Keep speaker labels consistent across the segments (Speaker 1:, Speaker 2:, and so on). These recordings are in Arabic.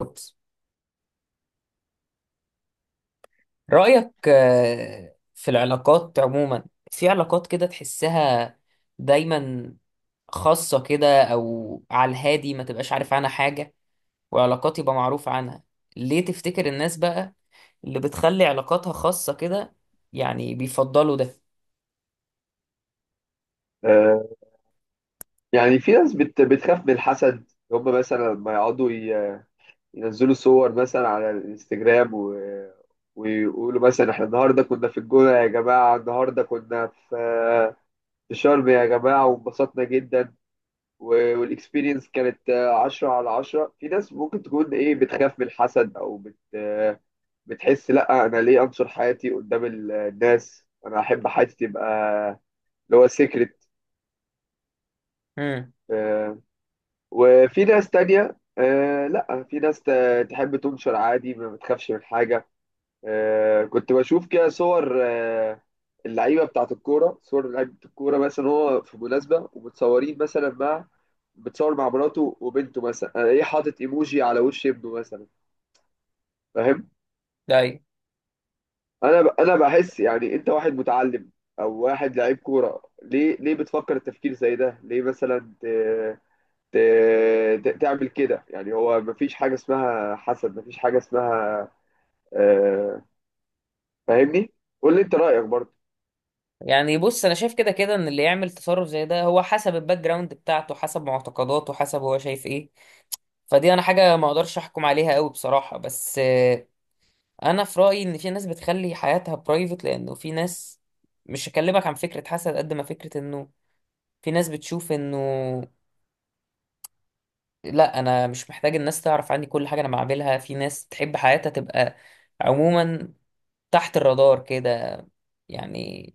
Speaker 1: بالظبط. رأيك في العلاقات عموما، في علاقات كده تحسها دايما، خاصة كده أو على الهادي ما تبقاش عارف عنها حاجة، وعلاقات يبقى معروف عنها. ليه تفتكر الناس بقى اللي بتخلي علاقاتها خاصة كده يعني بيفضلوا ده؟
Speaker 2: آه، يعني في ناس بتخاف من الحسد، هم مثلا لما يقعدوا ينزلوا صور مثلا على الانستجرام ويقولوا مثلا احنا النهارده كنا في الجونة يا جماعة، النهارده كنا في شرم يا جماعة وانبسطنا جدا، والاكسبيرينس كانت عشرة على عشرة. في ناس ممكن تكون ايه بتخاف من الحسد او بت آه، بتحس لا انا ليه انشر حياتي قدام الناس، انا احب حياتي تبقى اللي هو سيكريت.
Speaker 1: امم.
Speaker 2: وفي ناس تانية آه لا، في ناس تحب تنشر عادي، ما بتخافش من حاجة. آه كنت بشوف كده صور اللعيبة بتاعة الكورة، صور لعيبة الكورة مثلا، هو في مناسبة ومتصورين مثلا مع مع مراته وبنته مثلا، ايه حاطط ايموجي على وش ابنه مثلا، فاهم؟
Speaker 1: ده أيوة.
Speaker 2: انا بحس يعني انت واحد متعلم او واحد لعيب كورة، ليه، ليه بتفكر التفكير زي ده؟ ليه مثلا تعمل كده؟ يعني هو مفيش حاجة اسمها حسد، مفيش حاجة اسمها آه، فاهمني؟ قول لي انت رأيك برضه.
Speaker 1: يعني بص، أنا شايف كده كده إن اللي يعمل تصرف زي ده هو حسب الباك جراوند بتاعته، حسب معتقداته، حسب هو شايف إيه. فدي أنا حاجة ما أقدرش أحكم عليها أوي بصراحة، بس انا في رايي ان في ناس بتخلي حياتها برايفت، لانه في ناس، مش هكلمك عن فكره حسد قد ما فكره انه في ناس بتشوف انه لا انا مش محتاج الناس تعرف عني كل حاجه انا بعملها. في ناس تحب حياتها تبقى عموما تحت الرادار كده يعني.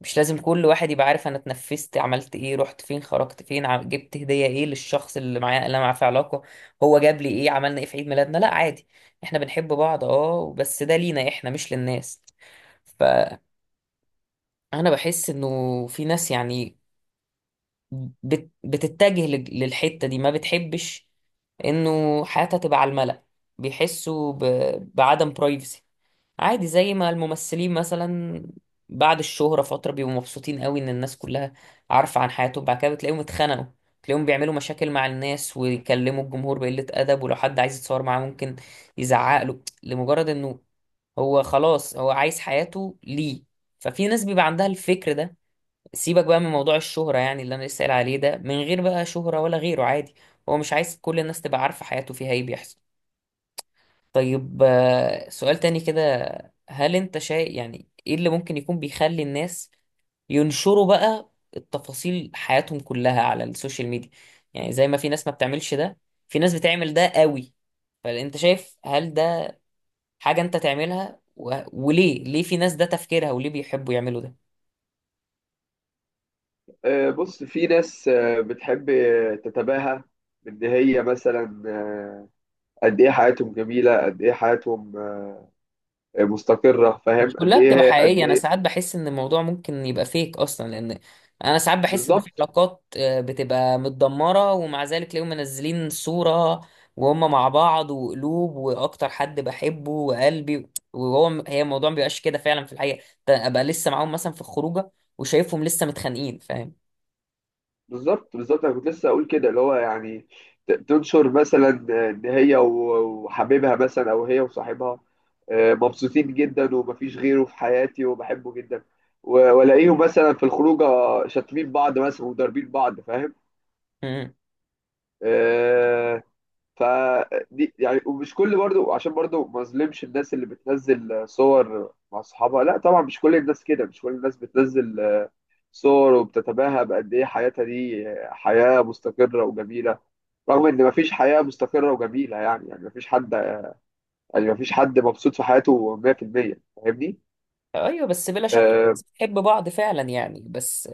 Speaker 1: مش لازم كل واحد يبقى عارف انا اتنفست، عملت ايه، رحت فين، خرجت فين، جبت هديه ايه للشخص اللي معايا اللي انا معاه في علاقه، هو جاب لي ايه، عملنا ايه في عيد ميلادنا. لا عادي، احنا بنحب بعض، اه بس ده لينا احنا، مش للناس. انا بحس انه في ناس يعني بتتجه للحتة دي، ما بتحبش انه حياتها تبقى على الملأ، بيحسوا بعدم برايفسي. عادي، زي ما الممثلين مثلا بعد الشهرة فترة بيبقوا مبسوطين قوي ان الناس كلها عارفة عن حياتهم، بعد كده بتلاقيهم اتخنقوا، تلاقيهم بيعملوا مشاكل مع الناس ويكلموا الجمهور بقلة أدب، ولو حد عايز يتصور معاه ممكن يزعق له لمجرد انه هو خلاص هو عايز حياته ليه. ففي ناس بيبقى عندها الفكر ده. سيبك بقى من موضوع الشهرة، يعني اللي أنا لسه قايل عليه ده من غير بقى شهرة ولا غيره، عادي هو مش عايز كل الناس تبقى عارفة حياته فيها إيه بيحصل. طيب سؤال تاني كده، هل أنت شايف يعني إيه اللي ممكن يكون بيخلي الناس ينشروا بقى التفاصيل حياتهم كلها على السوشيال ميديا؟ يعني زي ما في ناس ما بتعملش ده، في ناس بتعمل ده قوي. فأنت شايف هل ده حاجة أنت تعملها؟ وليه، ليه في ناس ده تفكيرها وليه بيحبوا يعملوا ده؟
Speaker 2: بص، في ناس بتحب تتباهى بان هي مثلا قد ايه حياتهم جميلة، قد ايه حياتهم مستقرة، فاهم؟
Speaker 1: مش
Speaker 2: قد
Speaker 1: كلها بتبقى
Speaker 2: ايه، قد
Speaker 1: حقيقية، أنا
Speaker 2: ايه.
Speaker 1: ساعات بحس إن الموضوع ممكن يبقى فيك أصلا، لأن أنا ساعات بحس إن في
Speaker 2: بالظبط،
Speaker 1: علاقات بتبقى متدمرة ومع ذلك تلاقيهم منزلين صورة وهم مع بعض وقلوب وأكتر حد بحبه وقلبي، وهو هي الموضوع مبيبقاش كده فعلا في الحقيقة. ده أبقى لسه معاهم مثلا في الخروجة وشايفهم لسه متخانقين، فاهم؟
Speaker 2: بالظبط، بالظبط، انا كنت لسه اقول كده، اللي هو يعني تنشر مثلا ان هي وحبيبها مثلا، او هي وصاحبها، مبسوطين جدا ومفيش غيره في حياتي وبحبه جدا، والاقيهم مثلا في الخروجه شاتمين بعض مثلا وضاربين بعض، فاهم؟
Speaker 1: مم.
Speaker 2: آه، فدي يعني، ومش كل برضو، عشان برضو ما اظلمش الناس اللي بتنزل صور مع اصحابها. لا طبعا، مش كل الناس كده، مش كل الناس بتنزل صور وبتتباهى بقد إيه حياتها دي حياة مستقرة وجميلة، رغم إن مفيش حياة مستقرة وجميلة. يعني يعني مفيش حد، يعني مفيش حد مبسوط في حياته 100%، فاهمني؟
Speaker 1: أيوه بس بلا شك
Speaker 2: آه،
Speaker 1: بتحب بعض فعلا، يعني بس.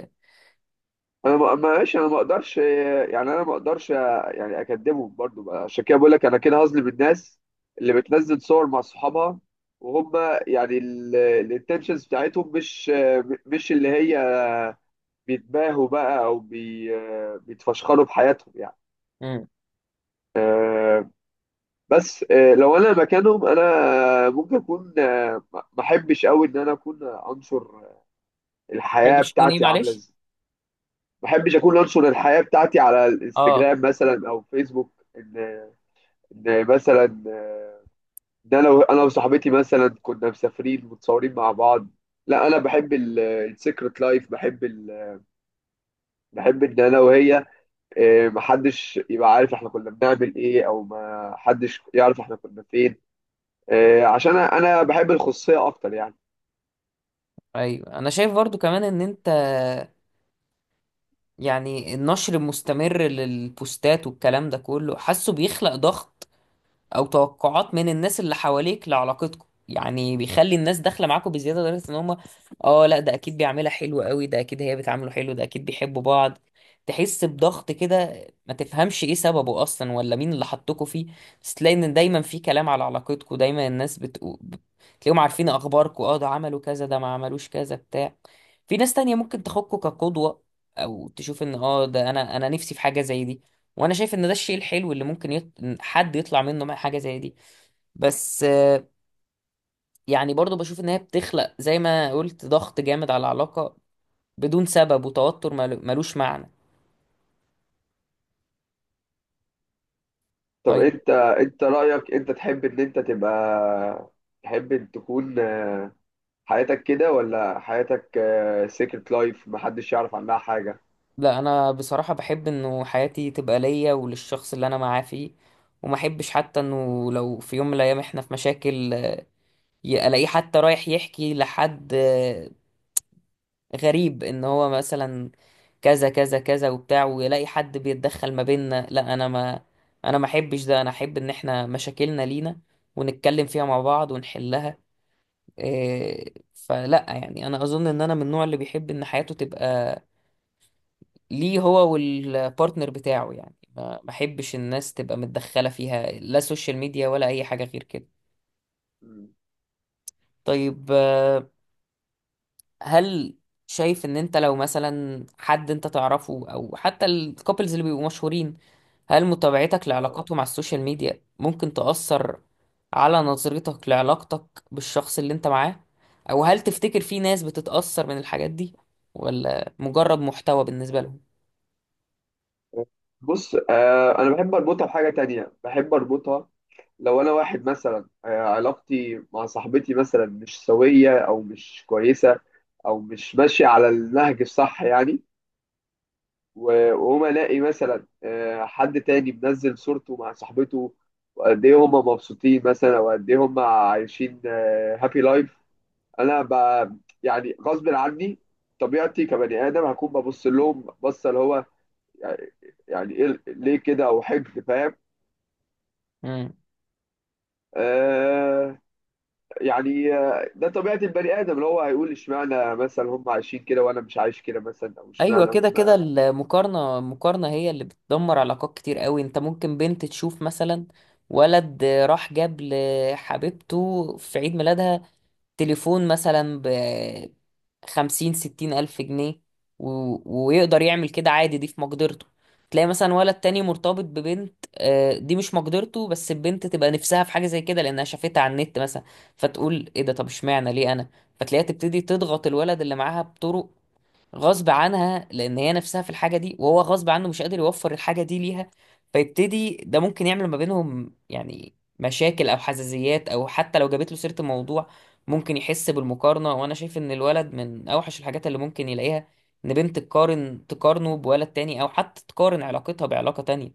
Speaker 2: أنا ماشي، أنا ما أقدرش يعني، أنا ما أقدرش يعني أكدبهم برضو بقى. عشان كده بقول لك أنا كده هظلم الناس اللي بتنزل صور مع صحابها وهم يعني الانتنشنز بتاعتهم مش، مش اللي هي بيتباهوا بقى او بيتفشخروا بحياتهم يعني.
Speaker 1: مم.
Speaker 2: آه، بس لو انا مكانهم، انا ممكن اكون ما احبش قوي ان انا اكون انشر الحياه
Speaker 1: تحبش تكون إيه
Speaker 2: بتاعتي عامله
Speaker 1: معلش؟
Speaker 2: ازاي. ما احبش اكون انشر الحياه بتاعتي على
Speaker 1: أه.
Speaker 2: الانستجرام مثلا او فيسبوك ان مثلا ان انا انا وصاحبتي مثلا كنا مسافرين متصورين مع بعض. لا، انا بحب السيكرت لايف، بحب ان انا وهي محدش يبقى عارف احنا كنا بنعمل ايه، او ما حدش يعرف احنا كنا فين، عشان انا، أنا بحب الخصوصيه اكتر يعني.
Speaker 1: أيوه أنا شايف برضو كمان إن أنت، يعني النشر المستمر للبوستات والكلام ده كله حاسه بيخلق ضغط او توقعات من الناس اللي حواليك لعلاقتكم، يعني بيخلي الناس داخله معاكم بزياده لدرجه ان هم، اه لا ده اكيد بيعملها حلو قوي، ده اكيد هي بتعامله حلو، ده اكيد بيحبوا بعض. تحس بضغط كده ما تفهمش ايه سببه اصلا ولا مين اللي حطكوا فيه، بس تلاقي ان دايما في كلام على علاقتكم، دايما الناس بتقول، تلاقيهم عارفين اخباركم، اه ده عملوا كذا، ده ما عملوش كذا بتاع. في ناس تانية ممكن تاخدكوا كقدوة، او تشوف ان اه ده انا نفسي في حاجة زي دي، وانا شايف ان ده الشيء الحلو اللي ممكن حد يطلع منه مع حاجه زي دي. بس يعني برضو بشوف ان هي بتخلق زي ما قلت ضغط جامد على العلاقه بدون سبب وتوتر ملوش معنى.
Speaker 2: طب
Speaker 1: طيب.
Speaker 2: انت، انت رأيك، انت تحب ان انت تبقى، تحب ان تكون حياتك كده ولا حياتك سيكرت لايف محدش يعرف عنها حاجة؟
Speaker 1: لا انا بصراحه بحب انه حياتي تبقى ليا وللشخص اللي انا معاه فيه، وما احبش حتى انه لو في يوم من الايام احنا في مشاكل، الاقيه حتى رايح يحكي لحد غريب ان هو مثلا كذا كذا كذا وبتاع، ويلاقي حد بيتدخل ما بيننا. لا انا ما احبش ده، انا احب ان احنا مشاكلنا لينا ونتكلم فيها مع بعض ونحلها. إيه، فلا يعني انا اظن ان انا من النوع اللي بيحب ان حياته تبقى ليه هو والبارتنر بتاعه يعني، ما احبش الناس تبقى متدخلة فيها، لا سوشيال ميديا ولا اي حاجة غير كده.
Speaker 2: مم.
Speaker 1: طيب هل شايف ان انت لو مثلا حد انت تعرفه او حتى الكوبلز اللي بيبقوا مشهورين، هل متابعتك
Speaker 2: آه.
Speaker 1: لعلاقاتهم على السوشيال ميديا ممكن تأثر على نظرتك لعلاقتك بالشخص اللي انت معاه؟ او هل تفتكر في ناس بتتأثر من الحاجات دي ولا مجرد محتوى بالنسبة لهم؟
Speaker 2: بص، انا بحب اربطها بحاجة تانية، بحب اربطها، لو انا واحد مثلا علاقتي مع صاحبتي مثلا مش سوية او مش كويسة، او مش ماشية على النهج الصح يعني، واقوم الاقي مثلا حد تاني منزل صورته مع صاحبته وقد ايه هم مبسوطين مثلا، وقد ايه هم عايشين هابي لايف، انا ب... يعني غصب عني، طبيعتي كبني ادم، هكون ببص لهم بصه اللي هو يعني، يعني ايه ليه كده، او حقد، فاهم؟
Speaker 1: مم.
Speaker 2: آه، يعني ده طبيعه البني ادم، اللي هو هيقول اشمعنى مثلا هم عايشين كده وانا مش عايش كده مثلا، او
Speaker 1: ايوه،
Speaker 2: اشمعنى
Speaker 1: كده كده
Speaker 2: هم.
Speaker 1: المقارنة هي اللي بتدمر علاقات كتير قوي. انت ممكن بنت تشوف مثلا ولد راح جاب لحبيبته في عيد ميلادها تليفون مثلا ب 50 60 ألف جنيه و... ويقدر يعمل كده عادي، دي في مقدرته. تلاقي مثلا ولد تاني مرتبط ببنت دي مش مقدرته، بس البنت تبقى نفسها في حاجة زي كده لأنها شافتها على النت مثلا، فتقول ايه ده، طب اشمعنى، ليه أنا؟ فتلاقيها تبتدي تضغط الولد اللي معاها بطرق غصب عنها لان هي نفسها في الحاجه دي، وهو غصب عنه مش قادر يوفر الحاجه دي ليها. فيبتدي ده ممكن يعمل ما بينهم يعني مشاكل او حزازيات، او حتى لو جابت له سيره الموضوع ممكن يحس بالمقارنه. وانا شايف ان الولد من اوحش الحاجات اللي ممكن يلاقيها ان بنت تقارنه بولد تاني، او حتى تقارن علاقتها بعلاقه تانية.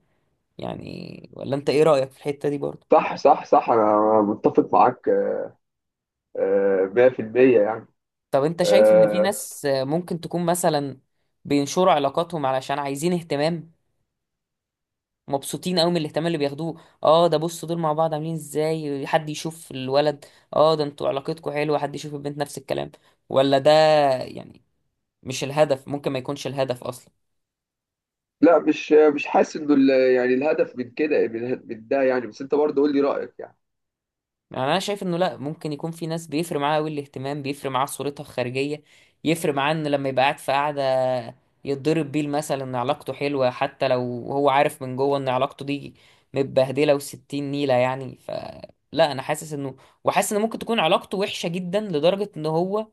Speaker 1: يعني ولا انت ايه رايك في الحته دي برضه؟
Speaker 2: صح، صح، صح، انا متفق معاك 100% يعني.
Speaker 1: طب انت شايف ان في
Speaker 2: آه،
Speaker 1: ناس ممكن تكون مثلا بينشروا علاقاتهم علشان عايزين اهتمام، مبسوطين قوي من الاهتمام اللي بياخدوه؟ اه ده بصوا دول مع بعض عاملين ازاي حد يشوف الولد، اه ده انتوا علاقتكم حلوه حد يشوف البنت نفس الكلام، ولا ده يعني مش الهدف ممكن ما يكونش الهدف اصلا؟
Speaker 2: لا مش، مش حاسس انه يعني الهدف من كده، من ده يعني، بس انت برضه قول لي رايك يعني.
Speaker 1: يعني انا شايف انه لا، ممكن يكون في ناس بيفرق معاها قوي الاهتمام، بيفرق معاها صورتها الخارجيه، يفرق معاه ان لما يبقى قاعد في قعده يتضرب بيه المثل ان علاقته حلوه حتى لو هو عارف من جوه ان علاقته دي متبهدله وستين نيله يعني لا انا حاسس انه، وحاسس ان ممكن تكون علاقته وحشه جدا لدرجه ان هو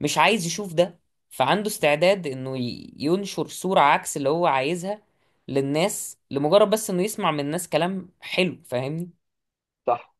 Speaker 1: مش عايز يشوف ده، فعنده استعداد انه ينشر صوره عكس اللي هو عايزها للناس لمجرد بس انه يسمع من الناس كلام حلو، فاهمني؟
Speaker 2: صح